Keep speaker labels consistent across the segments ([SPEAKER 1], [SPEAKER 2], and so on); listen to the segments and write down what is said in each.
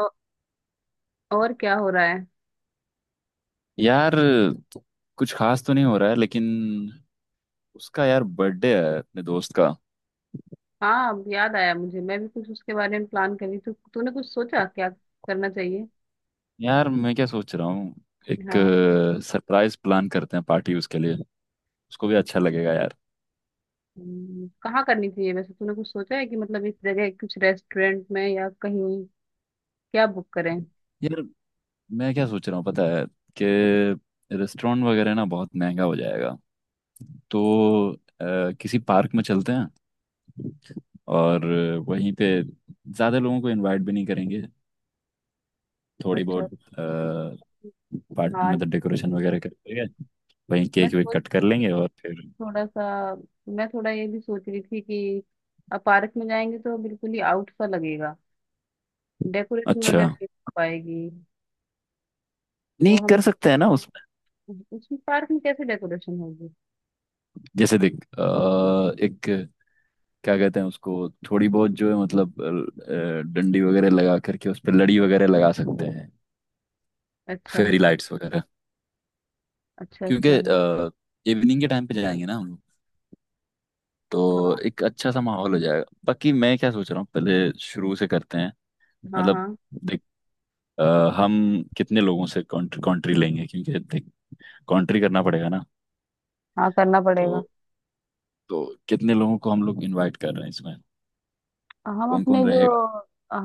[SPEAKER 1] औ- और क्या हो रहा है?
[SPEAKER 2] यार कुछ खास तो नहीं हो रहा है, लेकिन उसका यार बर्थडे है अपने दोस्त का।
[SPEAKER 1] हाँ, अब याद आया मुझे। मैं भी कुछ उसके बारे में प्लान कर रही थी। तूने कुछ सोचा क्या करना चाहिए?
[SPEAKER 2] यार मैं क्या सोच रहा हूँ, एक
[SPEAKER 1] हाँ।
[SPEAKER 2] सरप्राइज प्लान करते हैं पार्टी उसके लिए। उसको भी अच्छा लगेगा यार।
[SPEAKER 1] कहाँ करनी चाहिए वैसे? तूने कुछ सोचा है कि मतलब इस जगह कुछ रेस्टोरेंट में या कहीं, क्या बुक करें?
[SPEAKER 2] यार मैं क्या सोच रहा हूँ, पता है कि रेस्टोरेंट वगैरह ना बहुत महंगा हो जाएगा। तो किसी पार्क में चलते हैं, और वहीं पे ज़्यादा लोगों को इनवाइट भी नहीं करेंगे। थोड़ी
[SPEAKER 1] अच्छा।
[SPEAKER 2] बहुत पार्ट,
[SPEAKER 1] हाँ,
[SPEAKER 2] मतलब डेकोरेशन वगैरह कर लेंगे, वहीं
[SPEAKER 1] मैं
[SPEAKER 2] केक वेक
[SPEAKER 1] सोच
[SPEAKER 2] कट कर
[SPEAKER 1] रही थी
[SPEAKER 2] लेंगे और फिर।
[SPEAKER 1] थोड़ा सा मैं थोड़ा ये भी सोच रही थी कि अब पार्क में जाएंगे तो बिल्कुल ही आउट सा लगेगा। डेकोरेशन
[SPEAKER 2] अच्छा।
[SPEAKER 1] वगैरह नहीं हो पाएगी। तो
[SPEAKER 2] नहीं
[SPEAKER 1] हम
[SPEAKER 2] कर सकते हैं ना
[SPEAKER 1] इस-
[SPEAKER 2] उसमें।
[SPEAKER 1] उसमें पार्क में कैसे डेकोरेशन होगी?
[SPEAKER 2] जैसे देख एक, क्या कहते हैं उसको, थोड़ी बहुत जो है मतलब डंडी वगैरह लगा करके उस पर लड़ी वगैरह लगा सकते हैं।
[SPEAKER 1] अच्छा,
[SPEAKER 2] फेरी लाइट्स वगैरह।
[SPEAKER 1] अच्छा, अच्छा,
[SPEAKER 2] क्योंकि
[SPEAKER 1] हाँ।
[SPEAKER 2] इवनिंग के टाइम पे जाएंगे ना हम लोग,
[SPEAKER 1] हाँ,
[SPEAKER 2] तो एक अच्छा सा माहौल हो जाएगा। बाकी मैं क्या सोच रहा हूँ, पहले शुरू से करते हैं।
[SPEAKER 1] हाँ,
[SPEAKER 2] मतलब
[SPEAKER 1] हाँ,
[SPEAKER 2] देख अ, हम कितने लोगों से कंट्री लेंगे, क्योंकि देख कंट्री करना पड़ेगा ना।
[SPEAKER 1] हाँ करना पड़ेगा।
[SPEAKER 2] तो तो कितने लोगों को हम लोग इनवाइट कर रहे हैं, इसमें
[SPEAKER 1] हम
[SPEAKER 2] कौन
[SPEAKER 1] अपने
[SPEAKER 2] कौन
[SPEAKER 1] जो
[SPEAKER 2] रहेगा।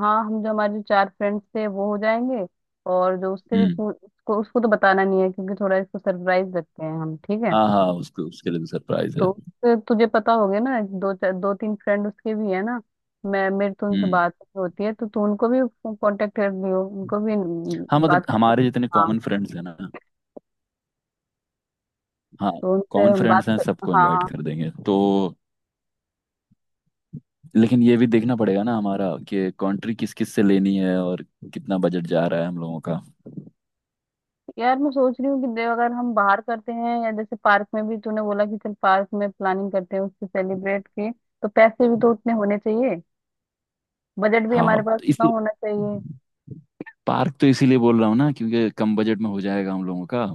[SPEAKER 1] हाँ, हम जो हमारे जो चार फ्रेंड्स थे वो हो जाएंगे। और जो उससे भी
[SPEAKER 2] हम्म।
[SPEAKER 1] पू- उसको उसको तो बताना नहीं है, क्योंकि थोड़ा इसको सरप्राइज रखते हैं हम। ठीक है?
[SPEAKER 2] हाँ हाँ, उसको उसके लिए भी सरप्राइज है।
[SPEAKER 1] तो उससे तुझे पता हो गया ना, दो चार, दो तीन फ्रेंड उसके भी है ना। मैं मेरे तो उनसे
[SPEAKER 2] हम्म।
[SPEAKER 1] बात होती है, तो तू उनको भी कांटेक्ट कर लियो उनको भी,
[SPEAKER 2] हाँ, मतलब
[SPEAKER 1] बात
[SPEAKER 2] हमारे
[SPEAKER 1] करके
[SPEAKER 2] जितने
[SPEAKER 1] हाँ।
[SPEAKER 2] कॉमन फ्रेंड्स हैं ना। हाँ,
[SPEAKER 1] तो उनसे
[SPEAKER 2] कॉमन
[SPEAKER 1] हम बात
[SPEAKER 2] फ्रेंड्स हैं
[SPEAKER 1] कर
[SPEAKER 2] सबको इनवाइट
[SPEAKER 1] हाँ।
[SPEAKER 2] कर देंगे तो। लेकिन ये भी देखना पड़ेगा ना हमारा, कि कंट्री किस किस से लेनी है, और कितना बजट जा रहा है हम लोगों का।
[SPEAKER 1] यार, मैं सोच रही हूँ कि देव, अगर हम बाहर करते हैं या जैसे पार्क में भी तूने बोला कि चल पार्क में प्लानिंग करते हैं उसकी, सेलिब्रेट की, तो पैसे भी तो उतने होने चाहिए। बजट भी हमारे
[SPEAKER 2] हाँ
[SPEAKER 1] पास
[SPEAKER 2] तो
[SPEAKER 1] उतना
[SPEAKER 2] इसी,
[SPEAKER 1] होना चाहिए।
[SPEAKER 2] पार्क तो इसीलिए बोल रहा हूँ ना, क्योंकि कम बजट में हो जाएगा हम लोगों का।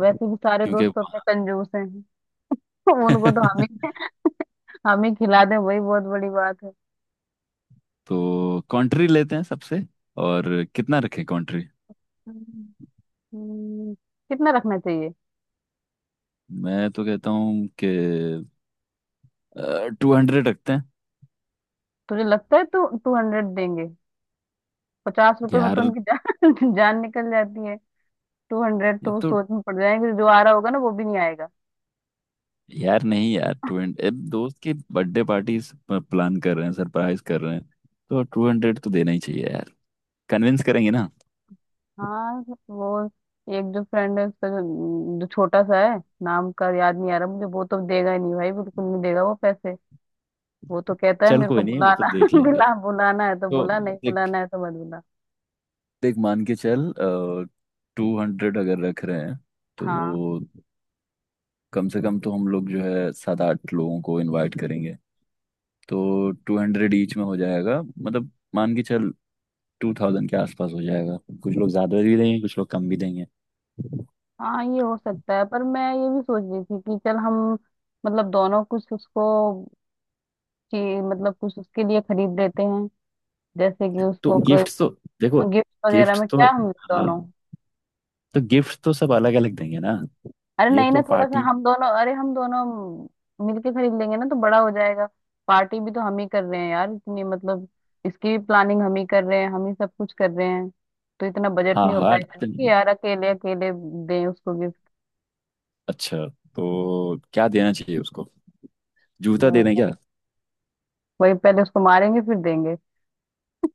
[SPEAKER 1] वैसे भी सारे
[SPEAKER 2] क्योंकि
[SPEAKER 1] दोस्त तो अपने कंजूस हैं। उनको तो हम ही हम ही खिला दें, वही बहुत बड़ी बात है।
[SPEAKER 2] तो कंट्री लेते हैं सबसे, और कितना रखें कंट्री।
[SPEAKER 1] हम्म, हम्म, कितना रखना चाहिए?
[SPEAKER 2] मैं तो कहता हूँ कि 200 रखते हैं।
[SPEAKER 1] तुझे लगता है तो 200 देंगे? 50 रुपए में तो
[SPEAKER 2] यार
[SPEAKER 1] उनकी जान, जान निकल जाती है। 200 तो
[SPEAKER 2] ये
[SPEAKER 1] वो
[SPEAKER 2] तो।
[SPEAKER 1] सोच में पड़ जाएंगे, जो आ रहा होगा ना वो भी नहीं।
[SPEAKER 2] यार नहीं यार, टू दोस्त की बर्थडे पार्टी प्लान कर रहे हैं, सरप्राइज कर रहे हैं। तो 200 तो देना ही चाहिए यार। कन्विंस करेंगे ना।
[SPEAKER 1] हाँ, वो एक जो फ्रेंड है उसका, जो छोटा सा है। नाम का याद नहीं आ रहा मुझे। वो तो देगा ही नहीं भाई, बिल्कुल नहीं देगा वो पैसे। वो तो कहता है
[SPEAKER 2] चल
[SPEAKER 1] मेरे को
[SPEAKER 2] कोई नहीं, वो तो
[SPEAKER 1] बुलाना।
[SPEAKER 2] देख लेंगे।
[SPEAKER 1] बुलाना है तो
[SPEAKER 2] तो
[SPEAKER 1] बुला, नहीं
[SPEAKER 2] देख,
[SPEAKER 1] बुलाना है तो मत बुला।
[SPEAKER 2] देख मान के चल, 200 अगर रख रहे हैं, तो
[SPEAKER 1] हाँ,
[SPEAKER 2] कम से कम तो हम लोग जो है सात आठ लोगों को इनवाइट करेंगे। तो 200 ईच में हो जाएगा, मतलब मान के चल 2,000 के आसपास हो जाएगा। कुछ लोग ज्यादा भी देंगे, कुछ लोग कम भी देंगे।
[SPEAKER 1] हाँ, ये हो सकता है, पर मैं ये भी सोच रही थी कि चल हम, मतलब दोनों कुछ उसको, मतलब कुछ उसके लिए खरीद लेते हैं, जैसे कि
[SPEAKER 2] तो
[SPEAKER 1] उसको
[SPEAKER 2] गिफ्ट्स तो देखो,
[SPEAKER 1] गिफ्ट वगैरह
[SPEAKER 2] गिफ्ट्स
[SPEAKER 1] में,
[SPEAKER 2] तो,
[SPEAKER 1] क्या हम
[SPEAKER 2] हाँ,
[SPEAKER 1] दोनों।
[SPEAKER 2] तो गिफ्ट्स तो सब अलग अलग देंगे ना।
[SPEAKER 1] अरे
[SPEAKER 2] ये
[SPEAKER 1] नहीं ना,
[SPEAKER 2] तो
[SPEAKER 1] थोड़ा सा
[SPEAKER 2] पार्टी।
[SPEAKER 1] हम दोनों मिलके खरीद लेंगे ना तो बड़ा हो जाएगा। पार्टी भी तो हम ही कर रहे हैं यार, इतनी मतलब, इसकी भी प्लानिंग हम ही कर रहे हैं, हम ही सब कुछ कर रहे हैं। तो इतना बजट
[SPEAKER 2] हाँ
[SPEAKER 1] नहीं हो
[SPEAKER 2] हाँ।
[SPEAKER 1] पाएगा ना कि यार अकेले अकेले दें उसको गिफ्ट।
[SPEAKER 2] अच्छा, तो क्या देना चाहिए उसको? जूता दे दें क्या?
[SPEAKER 1] वही पहले उसको मारेंगे फिर देंगे।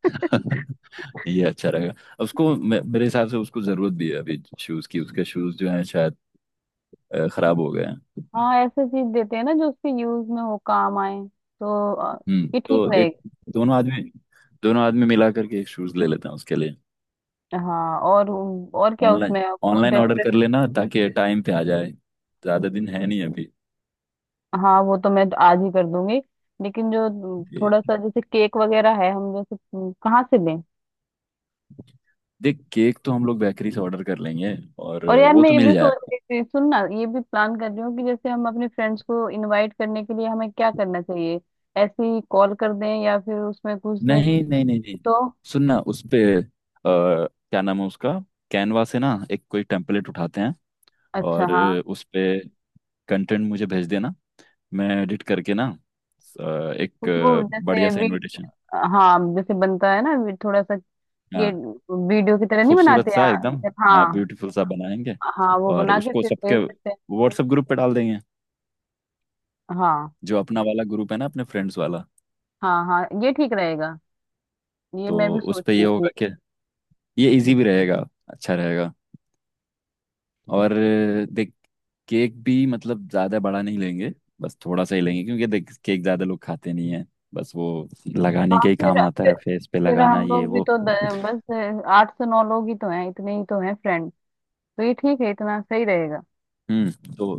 [SPEAKER 2] ये अच्छा रहेगा। उसको मेरे हिसाब से उसको जरूरत भी है अभी शूज की, उसके शूज जो हैं शायद खराब हो गए हैं।
[SPEAKER 1] हाँ, ऐसे चीज देते हैं ना जो उसके यूज में हो, काम आए। तो
[SPEAKER 2] हम्म।
[SPEAKER 1] ये ठीक
[SPEAKER 2] तो एक
[SPEAKER 1] रहेगा।
[SPEAKER 2] दोनों आदमी, मिला करके एक शूज ले लेते हैं उसके लिए।
[SPEAKER 1] हाँ, और क्या
[SPEAKER 2] ऑनलाइन
[SPEAKER 1] उसमें कुछ
[SPEAKER 2] ऑनलाइन ऑर्डर कर
[SPEAKER 1] डेकोरेशन?
[SPEAKER 2] लेना ताकि टाइम पे आ जाए, ज्यादा दिन है नहीं अभी।
[SPEAKER 1] हाँ, वो तो मैं आज ही कर दूंगी। लेकिन जो थोड़ा सा जैसे केक वगैरह है, हम जैसे कहाँ से लें?
[SPEAKER 2] देख केक तो हम लोग बेकरी से ऑर्डर कर लेंगे, और
[SPEAKER 1] और यार,
[SPEAKER 2] वो
[SPEAKER 1] मैं
[SPEAKER 2] तो
[SPEAKER 1] ये भी
[SPEAKER 2] मिल
[SPEAKER 1] सोच
[SPEAKER 2] जाएगा।
[SPEAKER 1] रही थी, सुन ना, ये भी प्लान कर रही हूँ कि जैसे हम अपने फ्रेंड्स को इनवाइट करने के लिए हमें क्या करना चाहिए? ऐसे ही कॉल कर दें या फिर उसमें कुछ,
[SPEAKER 2] नहीं नहीं नहीं नहीं।
[SPEAKER 1] तो।
[SPEAKER 2] सुनना उस पे क्या नाम है उसका, कैनवा से ना एक कोई टेम्पलेट उठाते हैं।
[SPEAKER 1] अच्छा,
[SPEAKER 2] और
[SPEAKER 1] हाँ,
[SPEAKER 2] उस पे कंटेंट मुझे भेज देना, मैं एडिट करके ना अ, एक
[SPEAKER 1] कुछ वो जैसे
[SPEAKER 2] बढ़िया सा
[SPEAKER 1] वी
[SPEAKER 2] इनविटेशन।
[SPEAKER 1] हाँ जैसे बनता है ना, थोड़ा सा ये
[SPEAKER 2] हाँ,
[SPEAKER 1] वीडियो की तरह नहीं
[SPEAKER 2] खूबसूरत
[SPEAKER 1] बनाते
[SPEAKER 2] सा एकदम।
[SPEAKER 1] यार? हाँ।
[SPEAKER 2] हाँ ब्यूटीफुल सा बनाएंगे।
[SPEAKER 1] हाँ, वो
[SPEAKER 2] और
[SPEAKER 1] बना के
[SPEAKER 2] उसको
[SPEAKER 1] फिर
[SPEAKER 2] सबके
[SPEAKER 1] भेज देते हैं।
[SPEAKER 2] व्हाट्सएप ग्रुप पे डाल देंगे,
[SPEAKER 1] हाँ,
[SPEAKER 2] जो अपना वाला ग्रुप है ना अपने फ्रेंड्स वाला।
[SPEAKER 1] हाँ, हाँ ये ठीक रहेगा। ये मैं
[SPEAKER 2] तो
[SPEAKER 1] भी
[SPEAKER 2] उस
[SPEAKER 1] सोच
[SPEAKER 2] पे ये
[SPEAKER 1] रही थी।
[SPEAKER 2] होगा कि ये इजी भी रहेगा, अच्छा रहेगा। और देख केक भी मतलब ज़्यादा बड़ा नहीं लेंगे, बस थोड़ा सा ही लेंगे, क्योंकि देख केक ज़्यादा लोग खाते नहीं है। बस वो लगाने
[SPEAKER 1] हाँ,
[SPEAKER 2] के ही काम आता
[SPEAKER 1] फिर
[SPEAKER 2] है, फेस पे
[SPEAKER 1] फिर
[SPEAKER 2] लगाना
[SPEAKER 1] हम
[SPEAKER 2] ये
[SPEAKER 1] लोग भी
[SPEAKER 2] वो।
[SPEAKER 1] तो बस आठ से नौ लोग ही तो हैं, इतने ही तो हैं फ्रेंड। तो ये ठीक है, इतना सही रहेगा।
[SPEAKER 2] हम्म तो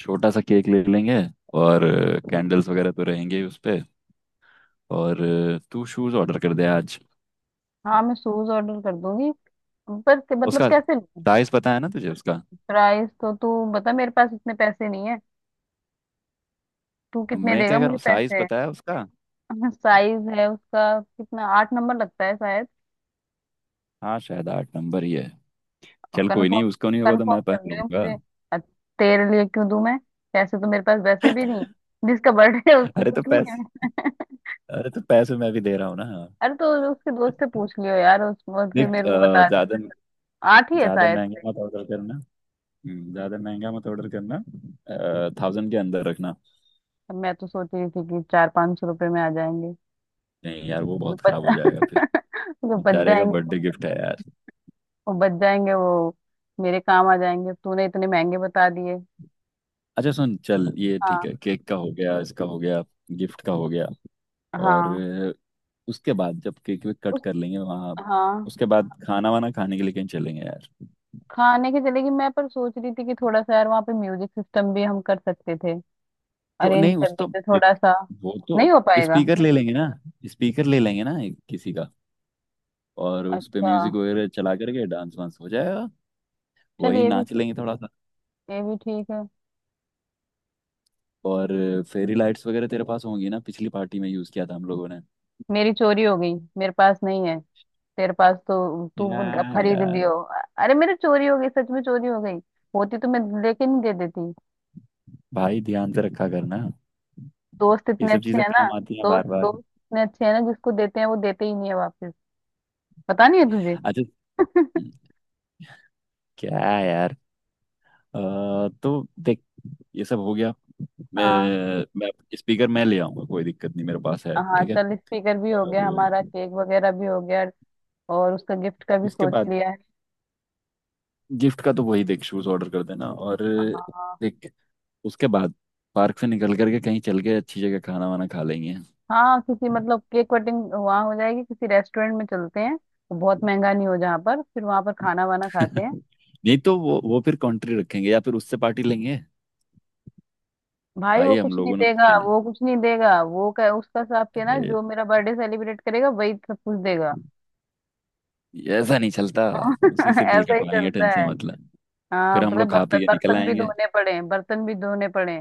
[SPEAKER 2] छोटा सा केक ले लेंगे, और कैंडल्स वगैरह तो रहेंगे ही उस पे। और तू शूज़ ऑर्डर कर दे आज।
[SPEAKER 1] हाँ, मैं शूज ऑर्डर कर दूंगी। पर मतलब
[SPEAKER 2] उसका
[SPEAKER 1] कैसे?
[SPEAKER 2] साइज़ पता है ना तुझे उसका।
[SPEAKER 1] प्राइस तो तू बता, मेरे पास इतने पैसे नहीं है। तू कितने
[SPEAKER 2] मैं
[SPEAKER 1] देगा
[SPEAKER 2] क्या कर रहा
[SPEAKER 1] मुझे
[SPEAKER 2] हूँ, साइज़
[SPEAKER 1] पैसे?
[SPEAKER 2] पता है उसका।
[SPEAKER 1] साइज है उसका कितना, आठ नंबर लगता है शायद।
[SPEAKER 2] हाँ शायद 8 नंबर ही है।
[SPEAKER 1] और
[SPEAKER 2] चल कोई
[SPEAKER 1] कंफर्म।
[SPEAKER 2] नहीं, उसका नहीं होगा तो
[SPEAKER 1] कंफर्म
[SPEAKER 2] मैं
[SPEAKER 1] कर
[SPEAKER 2] पहन
[SPEAKER 1] देगा
[SPEAKER 2] लूंगा।
[SPEAKER 1] मुझे। अ, तेरे लिए क्यों दूं मैं? पैसे तो मेरे पास वैसे भी नहीं है। जिसका बर्थडे है उसको
[SPEAKER 2] अरे तो
[SPEAKER 1] कुछ भी
[SPEAKER 2] पैसे
[SPEAKER 1] नहीं है।
[SPEAKER 2] अरे तो पैसे मैं भी दे रहा हूँ ना।
[SPEAKER 1] अरे, तो उसके दोस्त से पूछ लियो यार उस और फिर
[SPEAKER 2] देख
[SPEAKER 1] मेरे को बता
[SPEAKER 2] ज्यादा
[SPEAKER 1] दियो। आठ ही है
[SPEAKER 2] ज्यादा
[SPEAKER 1] शायद
[SPEAKER 2] महंगा
[SPEAKER 1] से।
[SPEAKER 2] मत ऑर्डर करना। ज्यादा महंगा मत ऑर्डर करना। थाउजेंड के अंदर रखना।
[SPEAKER 1] अब मैं तो सोच रही थी कि 400-500 रुपये में आ जाएंगे।
[SPEAKER 2] नहीं यार वो
[SPEAKER 1] जो
[SPEAKER 2] बहुत
[SPEAKER 1] बच
[SPEAKER 2] खराब हो जाएगा फिर।
[SPEAKER 1] जो बच
[SPEAKER 2] बेचारे का
[SPEAKER 1] जाएंगे,
[SPEAKER 2] बर्थडे गिफ्ट है यार।
[SPEAKER 1] वो बच जाएंगे, वो मेरे काम आ जाएंगे। तूने इतने महंगे बता दिए।
[SPEAKER 2] अच्छा सुन चल ये
[SPEAKER 1] हाँ,
[SPEAKER 2] ठीक है, केक का हो गया, इसका हो गया, गिफ्ट का हो गया। और
[SPEAKER 1] हाँ,
[SPEAKER 2] उसके बाद जब केक वेक कट
[SPEAKER 1] उस
[SPEAKER 2] कर लेंगे वहाँ,
[SPEAKER 1] हाँ,
[SPEAKER 2] उसके बाद खाना वाना खाने के लिए कहीं चलेंगे यार।
[SPEAKER 1] खाने के चलेगी मैं। पर सोच रही थी कि थोड़ा सा यार वहाँ पे म्यूजिक सिस्टम भी हम कर सकते थे,
[SPEAKER 2] तो
[SPEAKER 1] अरेंज
[SPEAKER 2] नहीं
[SPEAKER 1] कर
[SPEAKER 2] उस तो,
[SPEAKER 1] देते
[SPEAKER 2] देख
[SPEAKER 1] थोड़ा सा।
[SPEAKER 2] वो तो,
[SPEAKER 1] नहीं हो पाएगा।
[SPEAKER 2] स्पीकर ले लेंगे ना स्पीकर ले लेंगे ना किसी का। और उस पे
[SPEAKER 1] अच्छा,
[SPEAKER 2] म्यूजिक वगैरह चला करके डांस वांस हो जाएगा।
[SPEAKER 1] चल
[SPEAKER 2] वही
[SPEAKER 1] ये भी
[SPEAKER 2] नाच लेंगे थोड़ा सा।
[SPEAKER 1] ये भी ठीक है।
[SPEAKER 2] और फेरी लाइट्स वगैरह तेरे पास होंगी ना, पिछली पार्टी में यूज किया था हम लोगों ने।
[SPEAKER 1] मेरी चोरी हो गई, मेरे पास नहीं है। तेरे पास तो तू
[SPEAKER 2] क्या
[SPEAKER 1] खरीद
[SPEAKER 2] यार।
[SPEAKER 1] लियो। अरे मेरे चोरी हो गई, सच में चोरी हो गई। होती तो मैं लेके नहीं दे देती?
[SPEAKER 2] भाई ध्यान से रखा करना,
[SPEAKER 1] दोस्त
[SPEAKER 2] ये
[SPEAKER 1] इतने
[SPEAKER 2] सब
[SPEAKER 1] अच्छे
[SPEAKER 2] चीजें
[SPEAKER 1] हैं ना।
[SPEAKER 2] काम आती हैं
[SPEAKER 1] दोस्त
[SPEAKER 2] बार बार।
[SPEAKER 1] दोस्त इतने अच्छे हैं ना, जिसको देते हैं वो देते ही नहीं है वापस। पता नहीं है तुझे।
[SPEAKER 2] अच्छा। हम्म, क्या यार, अ, तो देख ये सब हो गया। मैं
[SPEAKER 1] हाँ,
[SPEAKER 2] मैं स्पीकर मैं ले आऊंगा, कोई दिक्कत नहीं मेरे पास है,
[SPEAKER 1] हाँ
[SPEAKER 2] ठीक है।
[SPEAKER 1] चल, स्पीकर भी हो गया हमारा,
[SPEAKER 2] और
[SPEAKER 1] केक वगैरह भी हो गया। और उसका गिफ्ट का भी
[SPEAKER 2] उसके
[SPEAKER 1] सोच
[SPEAKER 2] बाद
[SPEAKER 1] लिया है।
[SPEAKER 2] गिफ्ट का तो वही देख, शूज ऑर्डर कर देना। और
[SPEAKER 1] हाँ,
[SPEAKER 2] देख उसके बाद पार्क से निकल करके कहीं चल के अच्छी जगह खाना वाना खा लेंगे।
[SPEAKER 1] हाँ किसी, मतलब केक कटिंग वहाँ हो जाएगी, किसी रेस्टोरेंट में चलते हैं। वो बहुत महंगा नहीं हो जहाँ पर, फिर वहाँ पर खाना वाना खाते हैं।
[SPEAKER 2] नहीं तो वो फिर कंट्री रखेंगे, या फिर उससे पार्टी लेंगे।
[SPEAKER 1] भाई, वो
[SPEAKER 2] भाई हम
[SPEAKER 1] कुछ नहीं
[SPEAKER 2] लोगों ने
[SPEAKER 1] देगा,
[SPEAKER 2] उसके लिए,
[SPEAKER 1] वो कुछ नहीं देगा। वो कह उसका हिसाब के ना,
[SPEAKER 2] अरे
[SPEAKER 1] जो मेरा बर्थडे सेलिब्रेट करेगा वही सब कुछ देगा।
[SPEAKER 2] ऐसा नहीं चलता। उसी से बिल
[SPEAKER 1] ऐसा ही
[SPEAKER 2] कटवाएंगे,
[SPEAKER 1] करता
[SPEAKER 2] टेंशन
[SPEAKER 1] है।
[SPEAKER 2] मतलब।
[SPEAKER 1] हाँ
[SPEAKER 2] फिर हम
[SPEAKER 1] मतलब,
[SPEAKER 2] लोग खा
[SPEAKER 1] बर्तन
[SPEAKER 2] पी के निकल
[SPEAKER 1] बर्तन भी
[SPEAKER 2] आएंगे,
[SPEAKER 1] धोने पड़े, बर्तन भी धोने पड़े।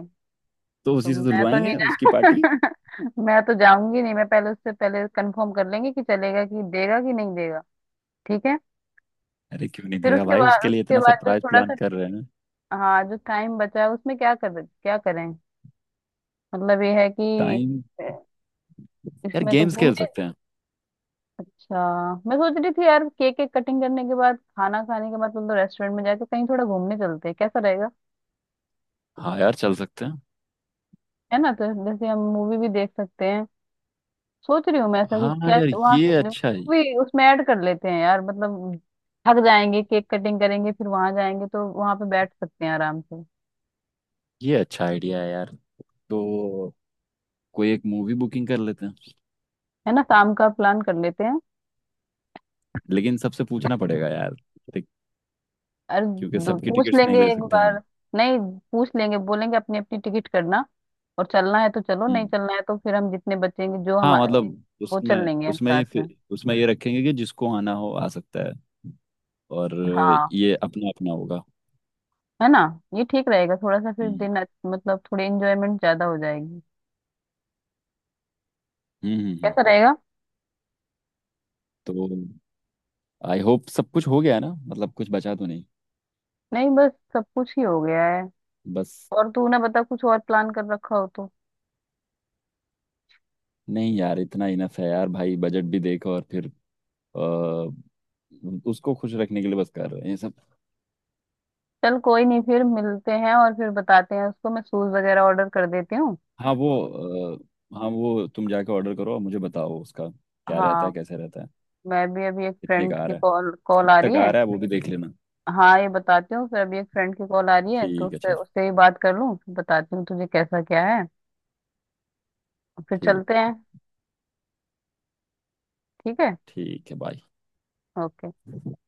[SPEAKER 2] तो
[SPEAKER 1] तो
[SPEAKER 2] उसी से
[SPEAKER 1] मैं तो नहीं
[SPEAKER 2] धुलवाएंगे उसकी पार्टी।
[SPEAKER 1] जा। मैं तो जाऊंगी नहीं, मैं पहले, उससे पहले कंफर्म कर लेंगे कि चलेगा कि देगा कि नहीं देगा। ठीक है।
[SPEAKER 2] अरे क्यों नहीं
[SPEAKER 1] फिर
[SPEAKER 2] देगा
[SPEAKER 1] उसके
[SPEAKER 2] भाई,
[SPEAKER 1] बाद
[SPEAKER 2] उसके लिए
[SPEAKER 1] उसके
[SPEAKER 2] इतना
[SPEAKER 1] बाद जो
[SPEAKER 2] सरप्राइज
[SPEAKER 1] थोड़ा
[SPEAKER 2] प्लान
[SPEAKER 1] सा
[SPEAKER 2] कर रहे हैं।
[SPEAKER 1] हाँ, जो टाइम बचा है उसमें क्या करें? मतलब ये है कि
[SPEAKER 2] टाइम।
[SPEAKER 1] अ,
[SPEAKER 2] यार
[SPEAKER 1] इसमें तो
[SPEAKER 2] गेम्स खेल
[SPEAKER 1] घूमने।
[SPEAKER 2] सकते हैं।
[SPEAKER 1] अच्छा, मैं सोच रही थी यार, केक केक कटिंग करने के बाद, खाना खाने के बाद, तुम तो रेस्टोरेंट में जाके कहीं थोड़ा घूमने चलते हैं, कैसा रहेगा?
[SPEAKER 2] हाँ यार चल सकते हैं।
[SPEAKER 1] है ना? तो जैसे हम मूवी भी देख सकते हैं। सोच रही हूँ मैं ऐसा कि
[SPEAKER 2] हाँ
[SPEAKER 1] क्या
[SPEAKER 2] यार
[SPEAKER 1] वहां
[SPEAKER 2] ये
[SPEAKER 1] से
[SPEAKER 2] अच्छा है।
[SPEAKER 1] भी उसमें ऐड कर लेते हैं यार, मतलब थक जाएंगे, केक कटिंग करेंगे, फिर वहां जाएंगे तो वहां पे बैठ सकते हैं आराम से।
[SPEAKER 2] ये अच्छा आइडिया है यार। तो कोई एक मूवी बुकिंग कर लेते हैं।
[SPEAKER 1] है ना? शाम का प्लान कर लेते हैं।
[SPEAKER 2] लेकिन सबसे पूछना पड़ेगा यार देख,
[SPEAKER 1] अरे
[SPEAKER 2] क्योंकि सबकी
[SPEAKER 1] पूछ
[SPEAKER 2] टिकट्स नहीं
[SPEAKER 1] लेंगे
[SPEAKER 2] ले
[SPEAKER 1] एक
[SPEAKER 2] सकते
[SPEAKER 1] बार।
[SPEAKER 2] हम।
[SPEAKER 1] नहीं, पूछ लेंगे, बोलेंगे अपनी अपनी टिकट करना, और चलना है तो चलो, नहीं
[SPEAKER 2] हम्म।
[SPEAKER 1] चलना है तो फिर हम जितने बचेंगे जो हम,
[SPEAKER 2] हाँ ओके, मतलब
[SPEAKER 1] वो चल
[SPEAKER 2] उसमें,
[SPEAKER 1] लेंगे हम
[SPEAKER 2] ये
[SPEAKER 1] साथ में।
[SPEAKER 2] फिर उसमें ये रखेंगे कि जिसको आना हो आ सकता है। और
[SPEAKER 1] हाँ।
[SPEAKER 2] ये अपना अपना होगा।
[SPEAKER 1] है ना? ये ठीक रहेगा, थोड़ा सा फिर
[SPEAKER 2] हम्म।
[SPEAKER 1] दिन मतलब थोड़ी इंजॉयमेंट ज्यादा हो जाएगी। कैसा
[SPEAKER 2] हम्म।
[SPEAKER 1] रहेगा?
[SPEAKER 2] तो आई होप सब कुछ हो गया है ना, मतलब कुछ बचा तो नहीं।
[SPEAKER 1] नहीं, बस सब कुछ ही हो गया है।
[SPEAKER 2] बस,
[SPEAKER 1] और तू ना बता, कुछ और प्लान कर रखा हो तो।
[SPEAKER 2] नहीं यार इतना इनफ है यार। भाई बजट भी देखो, और फिर अ, उसको खुश रखने के लिए बस कर रहे हैं ये सब।
[SPEAKER 1] चल कोई नहीं, फिर मिलते हैं और फिर बताते हैं उसको। मैं शूज वगैरह ऑर्डर कर देती हूँ।
[SPEAKER 2] हाँ वो, हाँ वो तुम जाके ऑर्डर करो और मुझे बताओ उसका क्या रहता
[SPEAKER 1] हाँ,
[SPEAKER 2] है, कैसे रहता है।
[SPEAKER 1] मैं भी अभी एक
[SPEAKER 2] कितने का
[SPEAKER 1] फ्रेंड
[SPEAKER 2] आ
[SPEAKER 1] की
[SPEAKER 2] रहा है,
[SPEAKER 1] कॉल कॉल
[SPEAKER 2] कब
[SPEAKER 1] आ रही
[SPEAKER 2] तक आ
[SPEAKER 1] है।
[SPEAKER 2] रहा है वो भी देख लेना।
[SPEAKER 1] हाँ, ये बताती हूँ फिर। अभी एक फ्रेंड की कॉल आ रही है तो
[SPEAKER 2] ठीक है
[SPEAKER 1] उससे
[SPEAKER 2] चल।
[SPEAKER 1] उससे ही बात कर लूँ, फिर बताती हूँ तुझे कैसा क्या है। फिर
[SPEAKER 2] ठीक।
[SPEAKER 1] चलते हैं। ठीक है।
[SPEAKER 2] ठीक है, बाय।
[SPEAKER 1] ओके।